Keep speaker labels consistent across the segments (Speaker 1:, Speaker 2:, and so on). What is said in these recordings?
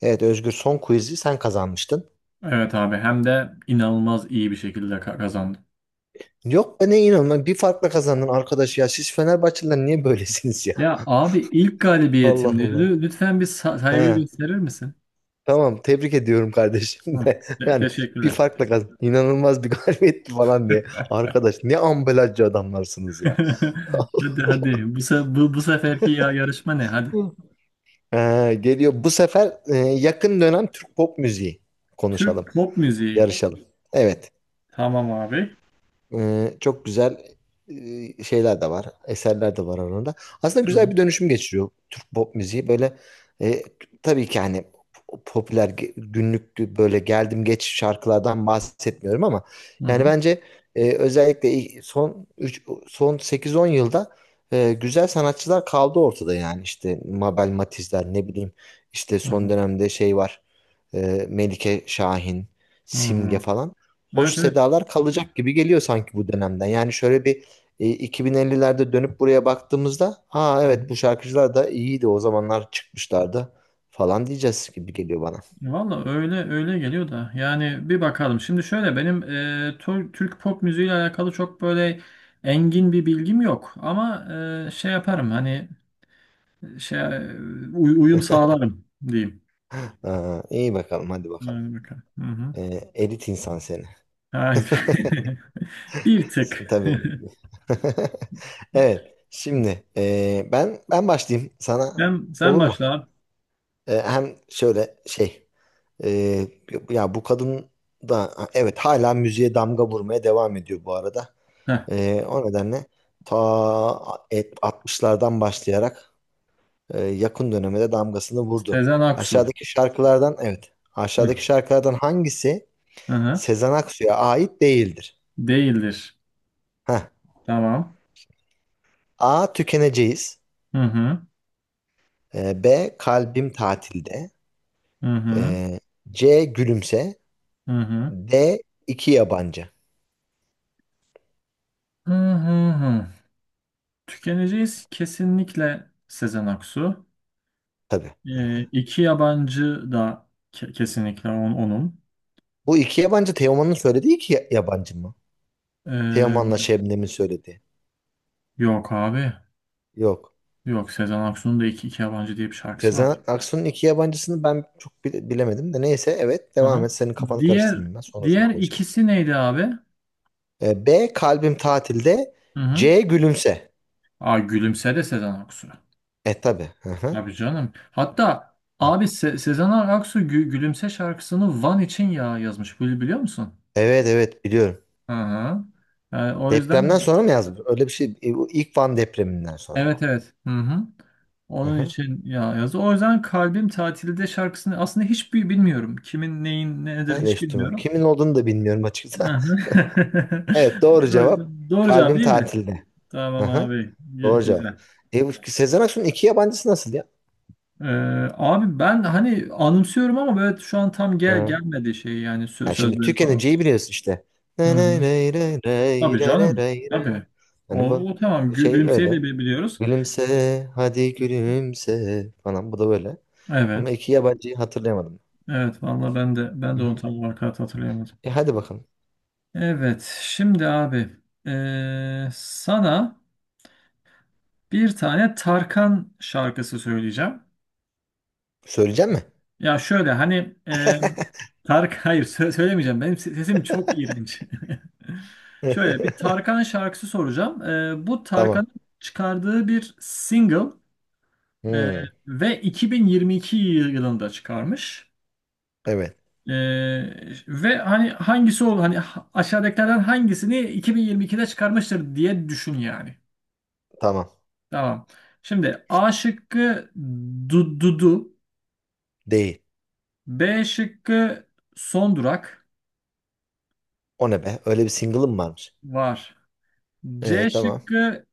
Speaker 1: Evet Özgür son quiz'i sen kazanmıştın.
Speaker 2: Evet abi, hem de inanılmaz iyi bir şekilde kazandım.
Speaker 1: Yok be ne inanılmaz bir farkla kazandın arkadaş ya. Siz Fenerbahçeliler niye böylesiniz ya?
Speaker 2: Ya abi, ilk
Speaker 1: Allah
Speaker 2: galibiyetimdi.
Speaker 1: Allah.
Speaker 2: Lütfen bir saygı
Speaker 1: He,
Speaker 2: gösterir misin?
Speaker 1: tamam tebrik ediyorum kardeşim
Speaker 2: Hı.
Speaker 1: de.
Speaker 2: Te-
Speaker 1: Yani bir
Speaker 2: teşekkürler.
Speaker 1: farkla kazandın. İnanılmaz bir galibiyetti falan diye. Arkadaş ne ambalajcı adamlarsınız ya.
Speaker 2: Hadi hadi, bu seferki yarışma ne hadi.
Speaker 1: Hı. Geliyor bu sefer yakın dönem Türk pop müziği konuşalım.
Speaker 2: Türk pop müziği.
Speaker 1: Yarışalım. Evet.
Speaker 2: Tamam abi.
Speaker 1: Çok güzel şeyler de var, eserler de var arasında. Aslında güzel
Speaker 2: Tamam.
Speaker 1: bir dönüşüm geçiriyor Türk pop müziği. Böyle e, tabii ki hani popüler günlük böyle geldim geç şarkılardan bahsetmiyorum ama
Speaker 2: Hı
Speaker 1: yani
Speaker 2: hı.
Speaker 1: bence özellikle son üç son 8-10 yılda güzel sanatçılar kaldı ortada yani işte Mabel Matiz'ler ne bileyim işte
Speaker 2: Hı
Speaker 1: son
Speaker 2: hı.
Speaker 1: dönemde şey var Melike Şahin,
Speaker 2: Hı
Speaker 1: Simge
Speaker 2: hı.
Speaker 1: falan hoş
Speaker 2: Evet evet.
Speaker 1: sedalar kalacak gibi geliyor sanki bu dönemden. Yani şöyle bir 2050'lerde dönüp buraya baktığımızda ha evet bu şarkıcılar da iyiydi o zamanlar çıkmışlardı falan diyeceğiz gibi geliyor bana.
Speaker 2: Valla, öyle öyle geliyor da yani bir bakalım. Şimdi şöyle benim Türk pop müziğiyle alakalı çok böyle engin bir bilgim yok. Ama şey yaparım hani şey uyum sağlarım diyeyim.
Speaker 1: Aa, iyi bakalım hadi bakalım.
Speaker 2: Yani bakalım. Hı hı.
Speaker 1: Elit insan seni.
Speaker 2: Hayır. Bir tık.
Speaker 1: Tabii. Evet. Şimdi ben başlayayım sana
Speaker 2: Sen
Speaker 1: olur mu?
Speaker 2: başla abi.
Speaker 1: Hem şöyle şey e, ya bu kadın da evet hala müziğe damga vurmaya devam ediyor bu arada.
Speaker 2: Heh.
Speaker 1: O nedenle ta 60'lardan başlayarak yakın döneme de damgasını vurdu.
Speaker 2: Sezen Aksu.
Speaker 1: Aşağıdaki şarkılardan, evet,
Speaker 2: Heh.
Speaker 1: aşağıdaki şarkılardan hangisi
Speaker 2: Hı hı.
Speaker 1: Sezen Aksu'ya ait değildir?
Speaker 2: Değildir.
Speaker 1: Heh.
Speaker 2: Tamam.
Speaker 1: A. Tükeneceğiz.
Speaker 2: Hı hı.
Speaker 1: B. Kalbim tatilde.
Speaker 2: Hı hı.
Speaker 1: E, C. Gülümse.
Speaker 2: Hı hı.
Speaker 1: D. iki yabancı.
Speaker 2: Hı hı. Tükeneceğiz kesinlikle Sezen Aksu.
Speaker 1: Tabii.
Speaker 2: İki yabancı da kesinlikle onun.
Speaker 1: Bu iki yabancı Teoman'ın söylediği yabancı mı? Teoman'la
Speaker 2: Ee,
Speaker 1: Şebnem'in söylediği.
Speaker 2: Yok abi.
Speaker 1: Yok.
Speaker 2: Yok, Sezen Aksu'nun da iki yabancı diye bir şarkısı var.
Speaker 1: Sezen Aksu'nun iki yabancısını ben bilemedim de neyse evet devam
Speaker 2: Hı.
Speaker 1: et senin kafanı
Speaker 2: Diğer
Speaker 1: karıştırmayayım ben sonrasında
Speaker 2: diğer
Speaker 1: konuşalım.
Speaker 2: ikisi neydi abi?
Speaker 1: B. Kalbim tatilde.
Speaker 2: Hı-hı.
Speaker 1: C. Gülümse.
Speaker 2: Aa, Gülümse de Sezen Aksu.
Speaker 1: Tabii. Hı hı.
Speaker 2: Tabii canım. Hatta abi, Sezen Aksu Gülümse şarkısını Van için ya yazmış. Biliyor musun?
Speaker 1: Evet, evet biliyorum.
Speaker 2: Hı-hı. Yani o yüzden.
Speaker 1: Depremden sonra mı yazdı? Öyle bir şey. Bu ilk Van depreminden sonra.
Speaker 2: Evet evet. Hı hı.
Speaker 1: Hı
Speaker 2: Onun
Speaker 1: hı.
Speaker 2: için ya yazı. O yüzden Kalbim Tatilde şarkısını aslında hiç bilmiyorum. Kimin neyin nedir
Speaker 1: Ben de
Speaker 2: hiç
Speaker 1: hiç
Speaker 2: bilmiyorum.
Speaker 1: kimin olduğunu da bilmiyorum açıkçası.
Speaker 2: Hı hı.
Speaker 1: Evet, doğru
Speaker 2: O
Speaker 1: cevap.
Speaker 2: yüzden doğru cevap
Speaker 1: Kalbim
Speaker 2: değil mi?
Speaker 1: tatilde.
Speaker 2: Tamam
Speaker 1: Aha,
Speaker 2: abi. Gü-
Speaker 1: doğru cevap.
Speaker 2: Güzel.
Speaker 1: Bu Sezen Aksu'nun iki yabancısı nasıl ya?
Speaker 2: Ee, Abi, ben hani anımsıyorum ama böyle şu an tam gel
Speaker 1: Ha.
Speaker 2: gelmedi şey yani sö-
Speaker 1: Ya şimdi
Speaker 2: sözleri falan.
Speaker 1: tükeneceği biliyorsun işte.
Speaker 2: Hı hı. Tabii canım. Tabii.
Speaker 1: Hani
Speaker 2: O,
Speaker 1: bu
Speaker 2: o tamam.
Speaker 1: bu
Speaker 2: Gü
Speaker 1: şey
Speaker 2: gülümseyi de
Speaker 1: öyle.
Speaker 2: biliyoruz.
Speaker 1: Gülümse hadi gülümse falan bu da böyle. Ama
Speaker 2: Evet.
Speaker 1: iki yabancıyı hatırlayamadım.
Speaker 2: Evet, vallahi ben de ben
Speaker 1: Hı
Speaker 2: de
Speaker 1: hı.
Speaker 2: onu tam olarak hatırlayamadım.
Speaker 1: Hadi bakalım.
Speaker 2: Evet, şimdi abi, sana bir tane Tarkan şarkısı söyleyeceğim.
Speaker 1: Söyleyecek mi?
Speaker 2: Ya şöyle hani Tark hayır, söylemeyeceğim. Benim sesim çok iğrenç. Şöyle bir Tarkan şarkısı soracağım. Bu
Speaker 1: Tamam.
Speaker 2: Tarkan'ın çıkardığı bir single, eee,
Speaker 1: Hmm,
Speaker 2: ve 2022 yılında çıkarmış.
Speaker 1: evet
Speaker 2: Ve hani hangisi ol hani ha- aşağıdakilerden hangisini 2022'de çıkarmıştır diye düşün yani.
Speaker 1: tamam.
Speaker 2: Tamam. Şimdi A şıkkı Dudu.
Speaker 1: Değil.
Speaker 2: B şıkkı son durak
Speaker 1: O ne be? Öyle bir single'ım varmış.
Speaker 2: var. C
Speaker 1: Tamam.
Speaker 2: şıkkı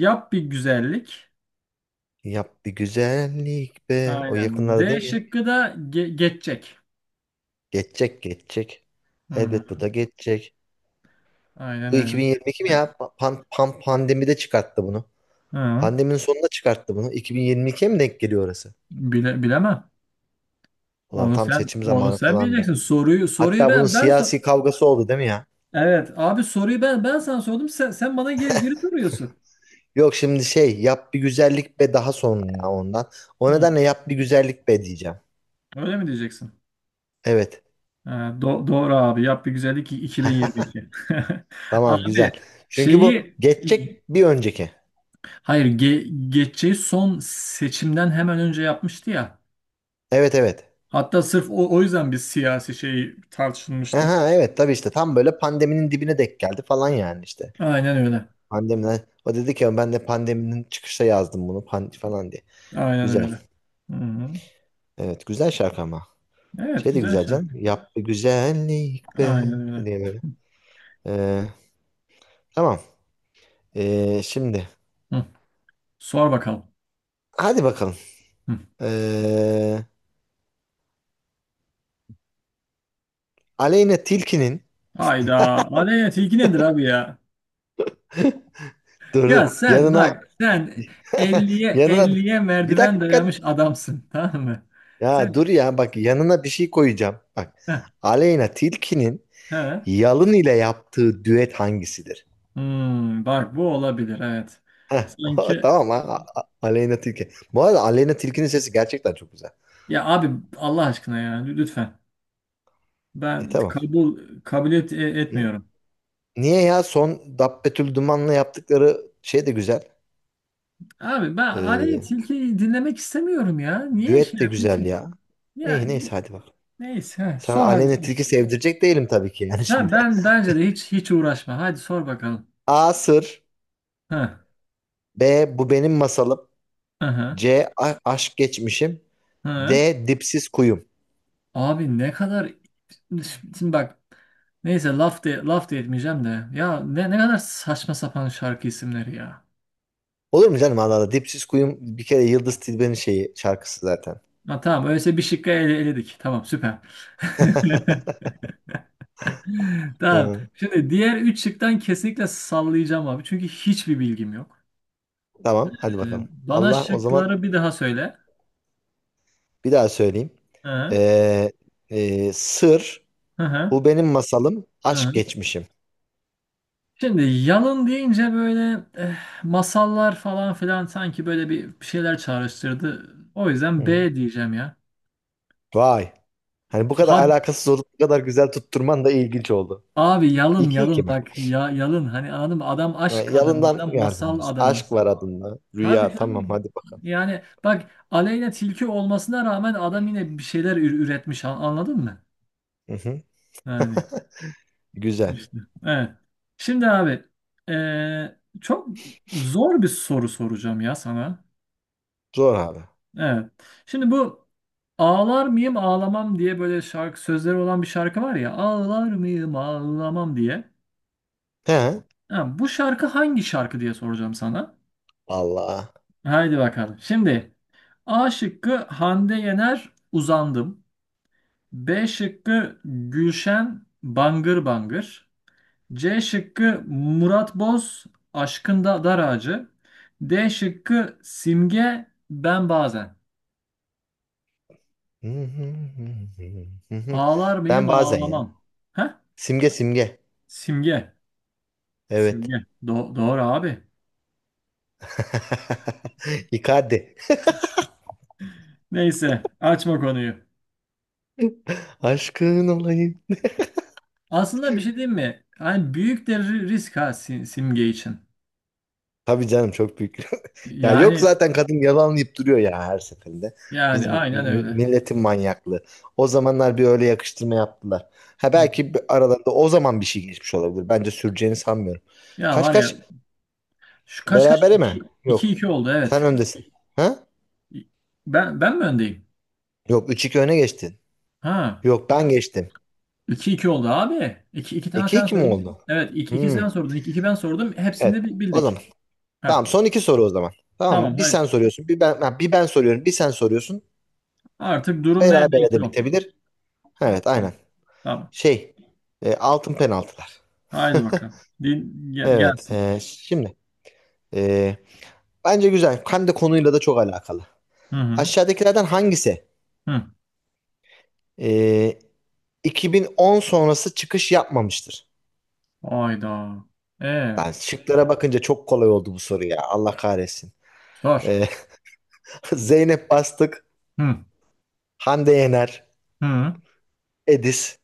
Speaker 2: yap bir güzellik.
Speaker 1: Yap bir güzellik be. O
Speaker 2: Aynen.
Speaker 1: yakınlarda
Speaker 2: D
Speaker 1: değil mi ya?
Speaker 2: şıkkı da geçecek.
Speaker 1: Geçecek, geçecek.
Speaker 2: Hı,
Speaker 1: Elbet bu da geçecek.
Speaker 2: aynen
Speaker 1: Bu
Speaker 2: öyle.
Speaker 1: 2022 mi ya? Pandemide çıkarttı bunu.
Speaker 2: Hı,
Speaker 1: Pandeminin sonunda çıkarttı bunu. 2022'ye mi denk geliyor orası?
Speaker 2: bilemem.
Speaker 1: Ulan
Speaker 2: Onu
Speaker 1: tam
Speaker 2: sen
Speaker 1: seçim
Speaker 2: onu
Speaker 1: zamanı
Speaker 2: sen
Speaker 1: falan da.
Speaker 2: bileceksin. Soruyu
Speaker 1: Hatta bunun
Speaker 2: ben sor.
Speaker 1: siyasi kavgası oldu değil mi ya?
Speaker 2: Evet abi, soruyu ben sana sordum. Sen bana geri soruyorsun.
Speaker 1: Yok şimdi şey yap bir güzellik be daha sonra ya ondan. O
Speaker 2: Hı,
Speaker 1: nedenle yap bir güzellik be diyeceğim.
Speaker 2: öyle mi diyeceksin?
Speaker 1: Evet.
Speaker 2: Ee, doğru abi. Yap bir güzellik 2022.
Speaker 1: Tamam,
Speaker 2: Abi
Speaker 1: güzel. Çünkü bu
Speaker 2: şeyi,
Speaker 1: geçecek bir önceki.
Speaker 2: hayır, geçeceği son seçimden hemen önce yapmıştı ya.
Speaker 1: Evet, evet.
Speaker 2: Hatta sırf o yüzden bir siyasi şey tartışılmıştı.
Speaker 1: Aha, evet tabii işte tam böyle pandeminin dibine denk geldi falan yani işte.
Speaker 2: Aynen öyle.
Speaker 1: Pandemiden o dedi ki ben de pandeminin çıkışta yazdım bunu pan falan diye.
Speaker 2: Aynen
Speaker 1: Güzel.
Speaker 2: öyle. Hı-hı.
Speaker 1: Evet, güzel şarkı ama.
Speaker 2: Evet,
Speaker 1: Şey de
Speaker 2: güzel
Speaker 1: güzel canım.
Speaker 2: şarkı.
Speaker 1: Yap bir güzellik be
Speaker 2: Aynen öyle.
Speaker 1: diye böyle. Ee, tamam. Şimdi
Speaker 2: Hı. Sor bakalım.
Speaker 1: hadi bakalım.
Speaker 2: Hı.
Speaker 1: Ee, Aleyna Tilki'nin
Speaker 2: Hayda. Adet ilgi nedir abi ya?
Speaker 1: dur
Speaker 2: Ya
Speaker 1: dur
Speaker 2: sen
Speaker 1: yanına
Speaker 2: bak sen, elliye
Speaker 1: yanına
Speaker 2: elliye
Speaker 1: bir
Speaker 2: merdiven dayamış
Speaker 1: dakika
Speaker 2: adamsın, tamam mı? Sen
Speaker 1: ya dur ya bak yanına bir şey koyacağım. Bak Aleyna Tilki'nin
Speaker 2: He.
Speaker 1: Yalın ile yaptığı düet hangisidir?
Speaker 2: Hmm, bak bu olabilir, evet.
Speaker 1: Heh,
Speaker 2: Sanki
Speaker 1: tamam ha. Aleyna Tilki. Bu arada Aleyna Tilki'nin sesi gerçekten çok güzel.
Speaker 2: ya abi, Allah aşkına ya lütfen. Ben
Speaker 1: Tamam.
Speaker 2: kabuliyet e-
Speaker 1: N-
Speaker 2: etmiyorum.
Speaker 1: Niye ya son Dabbetül Duman'la yaptıkları şey de güzel.
Speaker 2: Abi, ben hani
Speaker 1: Ee,
Speaker 2: tilkiyi dinlemek istemiyorum ya. Niye şey
Speaker 1: düet de
Speaker 2: yapıyorsun
Speaker 1: güzel
Speaker 2: ki?
Speaker 1: ya.
Speaker 2: Ya
Speaker 1: İyi neyse hadi bak.
Speaker 2: neyse, he,
Speaker 1: Sana
Speaker 2: sor hadi
Speaker 1: Aleyna
Speaker 2: sor.
Speaker 1: Tilki sevdirecek değilim tabii ki yani
Speaker 2: Ha,
Speaker 1: şimdi.
Speaker 2: bence de hiç hiç uğraşma. Hadi sor bakalım.
Speaker 1: A. Sır.
Speaker 2: Ha.
Speaker 1: B. Bu benim masalım.
Speaker 2: Aha.
Speaker 1: C. Aşk geçmişim.
Speaker 2: Ha.
Speaker 1: D. Dipsiz kuyum.
Speaker 2: Abi, ne kadar şimdi bak, neyse, laf da etmeyeceğim de ya, ne kadar saçma sapan şarkı isimleri ya.
Speaker 1: Olur mu canım Allah Allah. Dipsiz kuyum bir kere Yıldız Tilbe'nin şeyi şarkısı zaten.
Speaker 2: Ha, tamam öyleyse bir şıkkı eledik. Tamam, süper. Tamam.
Speaker 1: Hı,
Speaker 2: Şimdi diğer üç şıktan kesinlikle sallayacağım abi. Çünkü hiçbir bilgim yok.
Speaker 1: tamam hadi
Speaker 2: Ee,
Speaker 1: bakalım.
Speaker 2: Bana
Speaker 1: Allah o zaman
Speaker 2: şıkları bir daha söyle.
Speaker 1: bir daha söyleyeyim.
Speaker 2: Hı
Speaker 1: Ee, sır,
Speaker 2: hı hı.
Speaker 1: bu benim masalım,
Speaker 2: Hı.
Speaker 1: aşk geçmişim.
Speaker 2: Şimdi yalın deyince böyle, masallar falan filan sanki böyle bir şeyler çağrıştırdı. O yüzden
Speaker 1: Hı.
Speaker 2: B diyeceğim ya.
Speaker 1: Vay. Hani bu kadar
Speaker 2: Ha
Speaker 1: alakasız olup bu kadar güzel tutturman da ilginç oldu.
Speaker 2: abi, yalın
Speaker 1: İki iki
Speaker 2: yalın
Speaker 1: mi?
Speaker 2: bak ya yalın, hani anladın mı? Adam
Speaker 1: Yani
Speaker 2: aşk adamı,
Speaker 1: yalından
Speaker 2: adam masal
Speaker 1: yardımcısın.
Speaker 2: adamı.
Speaker 1: Aşk var adında.
Speaker 2: Tabii
Speaker 1: Rüya tamam
Speaker 2: canım.
Speaker 1: hadi bakalım.
Speaker 2: Yani bak, Aleyna Tilki olmasına rağmen adam yine bir şeyler üretmiş anladın mı?
Speaker 1: Hı hı.
Speaker 2: Yani
Speaker 1: Güzel.
Speaker 2: işte. Evet. Şimdi abi, çok zor bir soru soracağım ya sana.
Speaker 1: Zor abi.
Speaker 2: Evet. Şimdi bu ağlar mıyım ağlamam diye böyle şarkı sözleri olan bir şarkı var ya, ağlar mıyım ağlamam diye.
Speaker 1: He.
Speaker 2: Ha, bu şarkı hangi şarkı diye soracağım sana.
Speaker 1: Allah.
Speaker 2: Haydi bakalım. Şimdi A şıkkı Hande Yener uzandım. B şıkkı Gülşen Bangır Bangır. C şıkkı Murat Boz Aşkında Dar Ağacı. D şıkkı Simge Ben Bazen.
Speaker 1: Hı hı hı hı hı hı.
Speaker 2: Ağlar mıyım
Speaker 1: Ben bazen ya.
Speaker 2: ağlamam. Heh?
Speaker 1: Simge, Simge.
Speaker 2: Simge.
Speaker 1: Evet.
Speaker 2: Simge. Doğru abi.
Speaker 1: İkade.
Speaker 2: Neyse, açma konuyu.
Speaker 1: Aşkın olayım.
Speaker 2: Aslında bir şey diyeyim mi? Hani büyük de risk, ha, Simge için.
Speaker 1: Tabii canım, çok büyük. Ya yok
Speaker 2: Yani
Speaker 1: zaten kadın yalanlayıp duruyor ya her seferinde.
Speaker 2: yani
Speaker 1: Bizim
Speaker 2: aynen öyle.
Speaker 1: milletin manyaklığı. O zamanlar bir öyle yakıştırma yaptılar. Ha
Speaker 2: Hı.
Speaker 1: belki aralarında o zaman bir şey geçmiş olabilir. Bence süreceğini sanmıyorum.
Speaker 2: Ya
Speaker 1: Kaç
Speaker 2: var ya,
Speaker 1: kaç?
Speaker 2: şu kaç kaç,
Speaker 1: Berabere mi?
Speaker 2: 2
Speaker 1: Yok.
Speaker 2: 2 oldu,
Speaker 1: Sen
Speaker 2: evet.
Speaker 1: öndesin. Ha?
Speaker 2: Ben mi öndeyim?
Speaker 1: Yok, üç iki öne geçtin.
Speaker 2: Ha.
Speaker 1: Yok, ben geçtim.
Speaker 2: iki iki oldu abi. İki 2 tane
Speaker 1: 2
Speaker 2: sen
Speaker 1: iki mi
Speaker 2: sordun.
Speaker 1: oldu?
Speaker 2: Evet, iki
Speaker 1: Hmm.
Speaker 2: sen sordun, iki ben sordum. Hepsini
Speaker 1: Evet.
Speaker 2: de bi-
Speaker 1: O
Speaker 2: bildik.
Speaker 1: zaman. Tamam,
Speaker 2: Ha.
Speaker 1: son iki soru o zaman. Tamam mı?
Speaker 2: Tamam,
Speaker 1: Bir
Speaker 2: haydi.
Speaker 1: sen soruyorsun. Bir ben soruyorum. Bir sen soruyorsun.
Speaker 2: Artık durum nerede
Speaker 1: Berabere
Speaker 2: neyse
Speaker 1: de
Speaker 2: o.
Speaker 1: bitebilir. Evet, aynen.
Speaker 2: Tamam. Tamam.
Speaker 1: Şey altın penaltılar.
Speaker 2: Haydi bakalım. Din, ge-
Speaker 1: Evet,
Speaker 2: gelsin.
Speaker 1: şimdi e, bence güzel. Hem de konuyla da çok alakalı.
Speaker 2: Hı hı.
Speaker 1: Aşağıdakilerden hangisi
Speaker 2: Hı.
Speaker 1: e, 2010 sonrası çıkış yapmamıştır?
Speaker 2: Hayda. E,
Speaker 1: Ben şıklara bakınca çok kolay oldu bu soru ya. Allah kahretsin.
Speaker 2: Sor.
Speaker 1: E, Zeynep Bastık,
Speaker 2: Hı
Speaker 1: Hande Yener,
Speaker 2: hı
Speaker 1: Edis,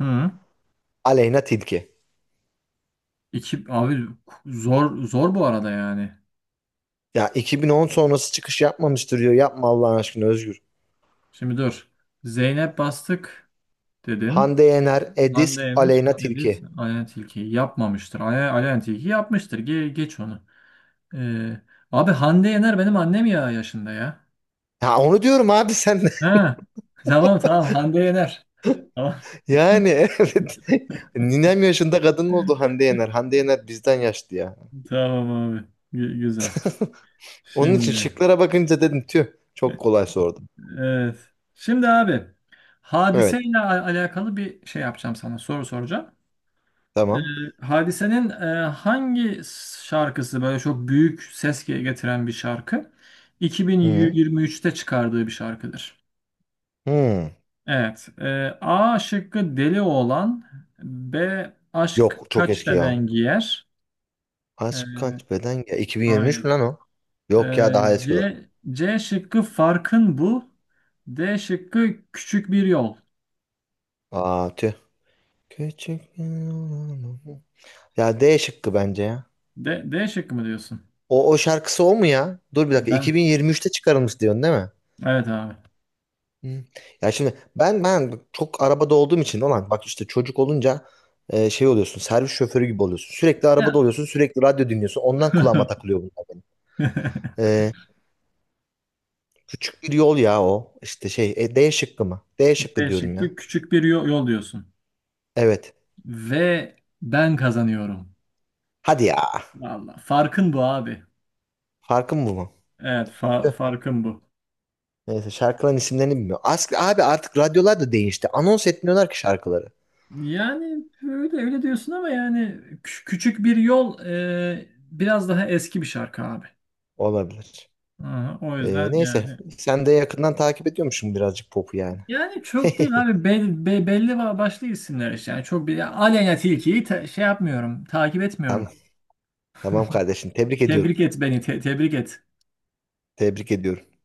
Speaker 2: hı.
Speaker 1: Aleyna Tilki.
Speaker 2: İki abi, zor zor bu arada yani.
Speaker 1: Ya 2010 sonrası çıkış yapmamıştır diyor. Yapma Allah'ın aşkına Özgür.
Speaker 2: Şimdi dur. Zeynep Bastık dedin.
Speaker 1: Hande Yener, Edis,
Speaker 2: Hande Yener,
Speaker 1: Aleyna Tilki.
Speaker 2: Ediz, Ayhan Tilki'yi yapmamıştır. Ayhan Tilki yapmıştır. Geç onu. Ee, Abi, Hande Yener benim annem ya yaşında ya.
Speaker 1: Ya onu diyorum abi sen de.
Speaker 2: Ha. Tamam tamam, Hande Yener. Tamam,
Speaker 1: Yani evet, ninem yaşında kadın oldu Hande Yener. Hande Yener bizden yaşlı ya.
Speaker 2: tamam abi. Güzel.
Speaker 1: Onun için
Speaker 2: Şimdi
Speaker 1: şıklara bakınca dedim tüh
Speaker 2: e,
Speaker 1: çok kolay sordum.
Speaker 2: evet. Şimdi abi,
Speaker 1: Evet,
Speaker 2: hadiseyle alakalı bir şey yapacağım sana. Soru soracağım. Ee,
Speaker 1: tamam.
Speaker 2: Hadise'nin hangi şarkısı böyle çok büyük ses getiren bir şarkı?
Speaker 1: Hı.
Speaker 2: 2023'te çıkardığı bir şarkıdır.
Speaker 1: Hı.
Speaker 2: Evet. A şıkkı deli oğlan. B aşk
Speaker 1: Yok, çok
Speaker 2: kaç
Speaker 1: eski ya.
Speaker 2: beden giyer. E,
Speaker 1: Aşk kaç beden ya, 2023 mü
Speaker 2: aynen.
Speaker 1: lan o? Yok ya, daha eski o da.
Speaker 2: C şıkkı farkın bu. D şıkkı küçük bir yol.
Speaker 1: Aa, tüh. Küçük ya, D şıkkı bence ya.
Speaker 2: D şıkkı mı diyorsun?
Speaker 1: O şarkısı o mu ya? Dur bir dakika,
Speaker 2: Ben.
Speaker 1: 2023'te çıkarılmış diyorsun değil mi?
Speaker 2: Evet abi.
Speaker 1: Hı. Ya şimdi ben çok arabada olduğum için olan bak işte çocuk olunca şey oluyorsun, servis şoförü gibi oluyorsun. Sürekli
Speaker 2: Ya.
Speaker 1: arabada oluyorsun, sürekli radyo dinliyorsun, ondan kulağıma takılıyor bunlar benim. E, küçük bir yol ya o işte şey D şıkkı mı? D şıkkı
Speaker 2: D
Speaker 1: diyorum ya.
Speaker 2: şıkkı küçük bir yol diyorsun.
Speaker 1: Evet
Speaker 2: Ve ben kazanıyorum.
Speaker 1: hadi ya,
Speaker 2: Vallahi farkın bu abi.
Speaker 1: farkın bu mu?
Speaker 2: Evet, fa-
Speaker 1: Tüh.
Speaker 2: farkın bu.
Speaker 1: Neyse, şarkıların isimlerini bilmiyorum. As abi artık radyolar da değişti, anons etmiyorlar ki şarkıları.
Speaker 2: Yani, öyle öyle diyorsun ama yani küçük bir yol, biraz daha eski bir şarkı abi.
Speaker 1: Olabilir.
Speaker 2: Aha, o yüzden
Speaker 1: Neyse
Speaker 2: yani
Speaker 1: sen de yakından takip ediyormuşsun birazcık popu yani.
Speaker 2: yani çok değil abi, belli başlı isimler işte. Yani çok bir Aleyna Tilki'yi şey yapmıyorum, takip
Speaker 1: Tamam,
Speaker 2: etmiyorum.
Speaker 1: tamam kardeşim tebrik ediyorum.
Speaker 2: Tebrik et beni, tebrik et.
Speaker 1: Tebrik ediyorum.